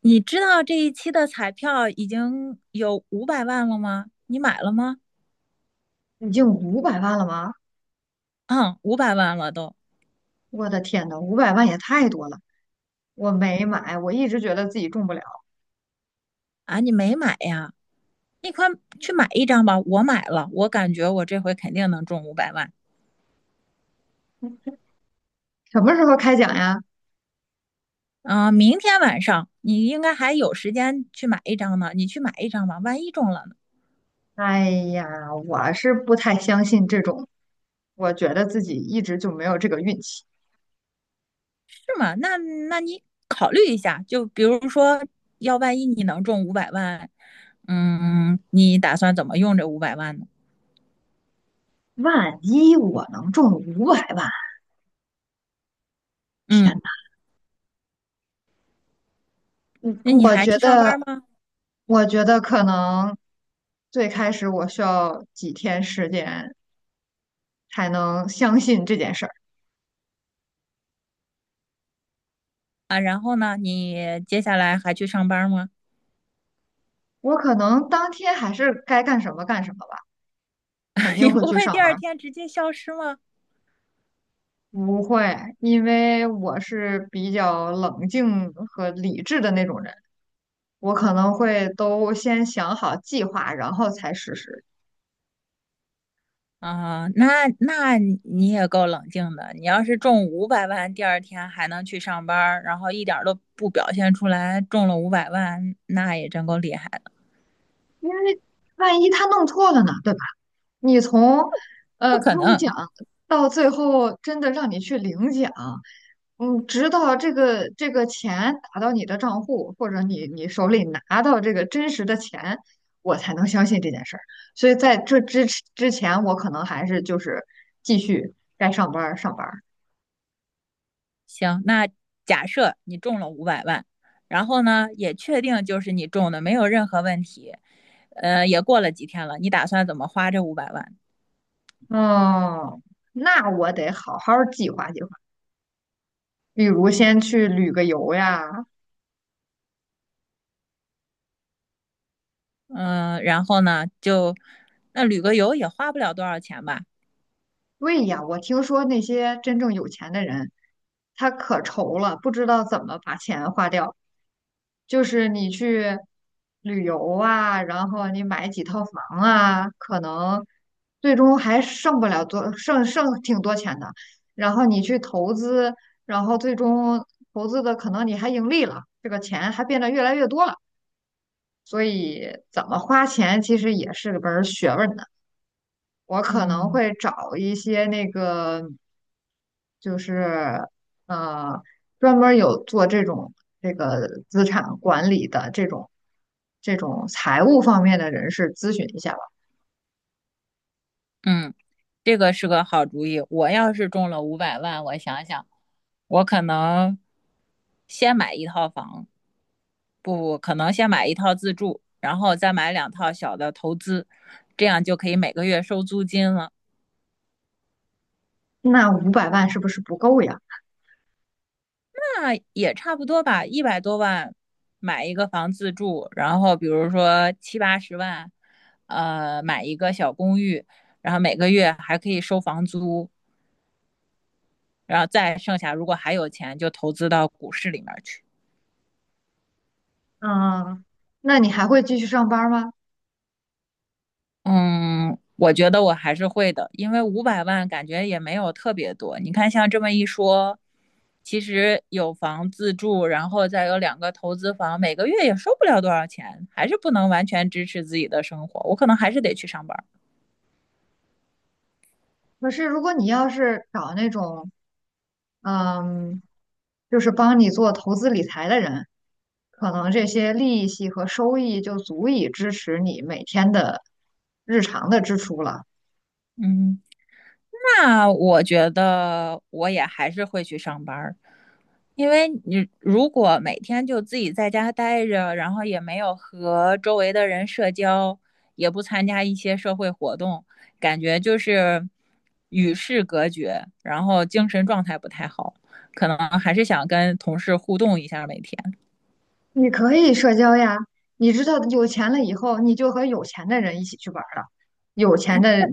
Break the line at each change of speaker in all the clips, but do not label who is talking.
你知道这一期的彩票已经有五百万了吗？你买了吗？
已经500万了吗？
嗯，五百万了都。
我的天呐，五百万也太多了！我没买，我一直觉得自己中不了。
啊！你没买呀？你快去买一张吧！我买了，我感觉我这回肯定能中五百万。
什么时候开奖呀？
啊！明天晚上你应该还有时间去买一张呢，你去买一张吧，万一中了呢。
哎呀，我是不太相信这种，我觉得自己一直就没有这个运气。
是吗？那你考虑一下，就比如说，要万一你能中五百万，嗯，你打算怎么用这五百万呢？
万一我能中五百万，天
嗯，
呐，嗯，
那你
我
还
觉
去上
得，
班吗？
我觉得可能最开始我需要几天时间才能相信这件事儿。
啊，然后呢，你接下来还去上班吗？
我可能当天还是该干什么干什么吧，肯
你
定会
不
去
会第
上
二
班。
天直接消失吗？
不会，因为我是比较冷静和理智的那种人，我可能会都先想好计划，然后才实施。
啊，那你也够冷静的。你要是中五百万，第二天还能去上班，然后一点都不表现出来中了五百万，那也真够厉害的。
因为万一他弄错了呢，对吧？你从呃
不
开
可
讲
能。
到最后真的让你去领奖，嗯，直到这个钱打到你的账户，或者你手里拿到这个真实的钱，我才能相信这件事儿。所以在这之前，我可能还是就是继续该上班儿上班儿。
行，那假设你中了五百万，然后呢，也确定就是你中的，没有任何问题。也过了几天了，你打算怎么花这五百万？
嗯，那我得好好儿计划计划，比如先去旅个游呀。
嗯，然后呢，就那旅个游也花不了多少钱吧？
对呀，我听说那些真正有钱的人，他可愁了，不知道怎么把钱花掉。就是你去旅游啊，然后你买几套房啊，可能最终还剩不了多，剩挺多钱的。然后你去投资，然后最终投资的可能你还盈利了，这个钱还变得越来越多了。所以怎么花钱其实也是个门儿学问的。我可能
嗯，
会找一些那个。就是呃，专门儿有做这种这个资产管理的这种这种财务方面的人士咨询一下吧。
嗯，这个是个好主意。我要是中了五百万，我想想，我可能先买一套房，不不，可能先买一套自住，然后再买两套小的投资，这样就可以每个月收租金了。
那五百万是不是不够呀？
那也差不多吧，一百多万买一个房自住，然后比如说七八十万，买一个小公寓，然后每个月还可以收房租，然后再剩下如果还有钱就投资到股市里面去。
嗯，那你还会继续上班儿吗？
嗯，我觉得我还是会的，因为五百万感觉也没有特别多。你看，像这么一说，其实有房自住，然后再有两个投资房，每个月也收不了多少钱，还是不能完全支持自己的生活。我可能还是得去上班儿。
可是如果你要是找那种嗯，就是帮你做投资理财的人，可能这些利息和收益就足以支持你每天的日常的支出了。
嗯。那我觉得我也还是会去上班儿，因为你如果每天就自己在家待着，然后也没有和周围的人社交，也不参加一些社会活动，感觉就是与世隔绝，然后精神状态不太好，可能还是想跟同事互动一下每天。
你可以社交呀，你知道有钱了以后，你就和有钱的人一起去玩儿了。有钱的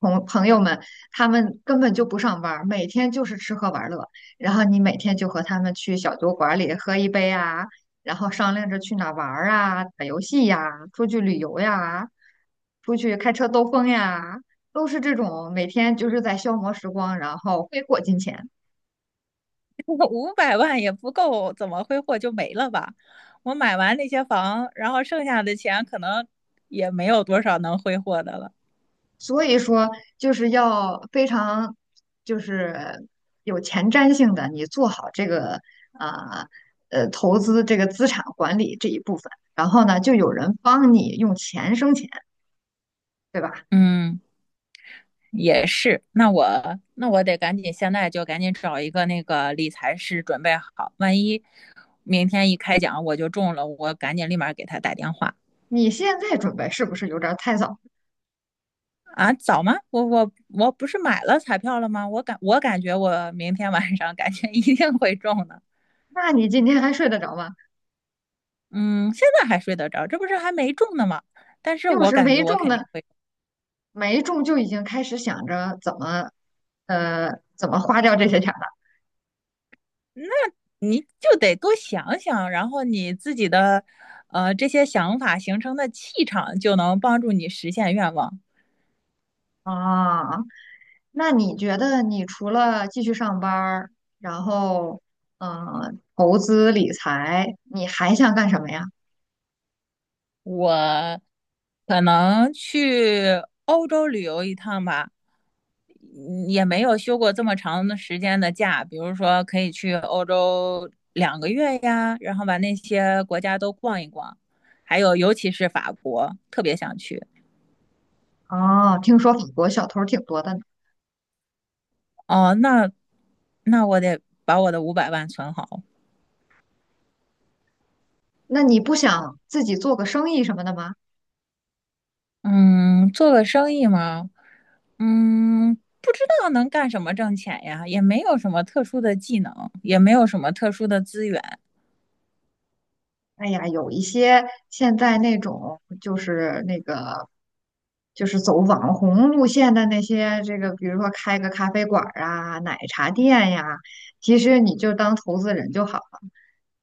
朋友们，他们根本就不上班儿，每天就是吃喝玩乐。然后你每天就和他们去小酒馆里喝一杯啊，然后商量着去哪儿玩儿啊，打游戏呀，出去旅游呀，出去开车兜风呀，都是这种每天就是在消磨时光，然后挥霍金钱。
五百万也不够，怎么挥霍就没了吧？我买完那些房，然后剩下的钱可能也没有多少能挥霍的了。
所以说就是要非常就是有前瞻性的，你做好这个啊投资这个资产管理这一部分，然后呢，就有人帮你用钱生钱，对吧？
嗯，也是。那我得赶紧，现在就赶紧找一个那个理财师准备好，万一明天一开奖我就中了，我赶紧立马给他打电话。
你现在准备是不是有点儿太早？
啊！早吗？我不是买了彩票了吗？我感觉我明天晚上感觉一定会中的。
那你今天还睡得着吗？
嗯，现在还睡得着，这不是还没中呢吗？但是
又
我
是
感觉
没
我
中
肯
呢，
定会。
没中就已经开始想着呃怎么花掉这些钱
你就得多想想，然后你自己的，这些想法形成的气场，就能帮助你实现愿望。
了啊。那你觉得你除了继续上班儿，然后投资理财，你还想干什么呀？
我可能去欧洲旅游一趟吧，嗯，也没有休过这么长的时间的假，比如说可以去欧洲两个月呀，然后把那些国家都逛一逛，还有尤其是法国，特别想去。
哦，听说法国小偷儿挺多的呢，
哦，那我得把我的五百万存好。
那你不想自己做个生意什么的吗？
嗯，做个生意嘛，嗯，不知道能干什么挣钱呀，也没有什么特殊的技能，也没有什么特殊的资源。
哎呀，有一些现在那种就是那个就是走网红路线的那些，这个比如说开个咖啡馆儿啊、奶茶店呀，其实你就当投资人就好了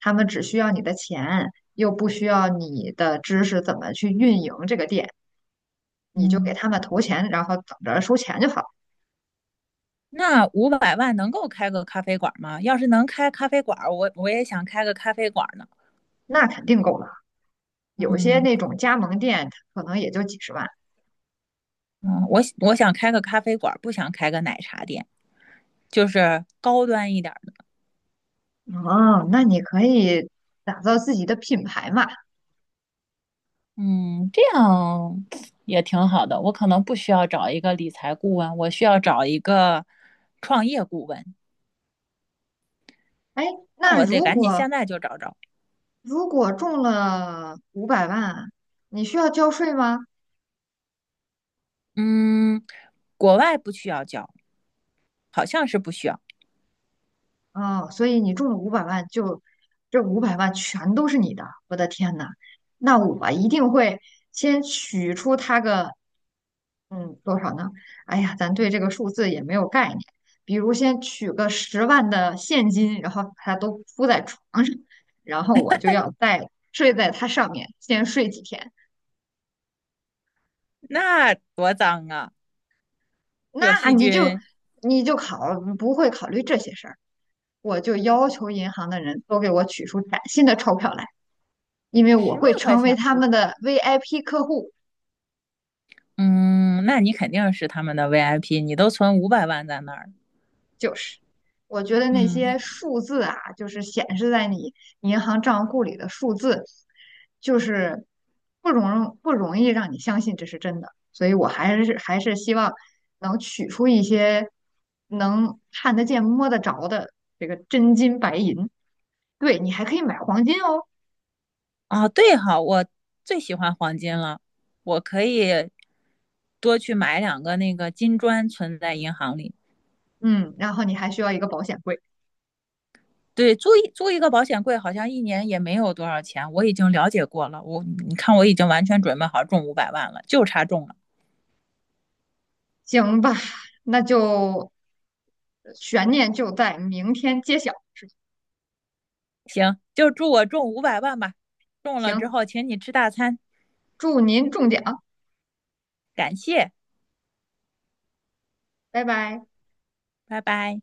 他们只需要你的钱，又不需要你的知识怎么去运营这个店，你就给
嗯，
他们投钱，然后等着收钱就好，
那五百万能够开个咖啡馆吗？要是能开咖啡馆儿我也想开个咖啡馆儿呢。
那肯定够了。有些
嗯，
那种加盟店可能也就几十万，
嗯，我想开个咖啡馆儿不想开个奶茶店，就是高端一点儿的。
哦，那你可以打造自己的品牌嘛。
嗯，这样 也挺好的。我可能不需要找一个理财顾问，我需要找一个创业顾问。
哎，
那
那
我得
如
赶紧现
果
在就找找。
如果中了五百万，你需要交税吗？
嗯，国外不需要交，好像是不需要。
哦，所以你中了五百万就，这五百万全都是你的，我的天呐，那我一定会先取出它个，嗯，多少呢？哎呀，咱对这个数字也没有概念。比如先取个十万的现金，然后把它都铺在床上，然后我就要再睡在它上面，先睡几天。
那多脏啊，有
那
细
你就
菌。
你就考不会考虑这些事儿，我就要求银行的人都给我取出崭新的钞票来。因为我
十万
会
块
成为
钱
他
不
们的 VIP 客户。
嗯，那你肯定是他们的 VIP，你都存五百万在那儿。
就是，我觉得那
嗯，
些数字啊，就是显示在你银行账户里的数字，就是不容易让你相信这是真的。所以我还是希望能取出一些能看得见、摸得着的这个真金白银。对，你还可以买黄金哦。
哦，对哈，我最喜欢黄金了，我可以多去买两个那个金砖存在银行里。
嗯，然后你还需要一个保险柜。
对，租一个保险柜，好像一年也没有多少钱。我已经了解过了，我你看我已经完全准备好中五百万了，就差中了。
行吧，那就悬念就在明天揭晓。
行，就祝我中五百万吧。中了之
行，
后，请你吃大餐，
祝您中奖，
感谢，
拜拜。
拜拜。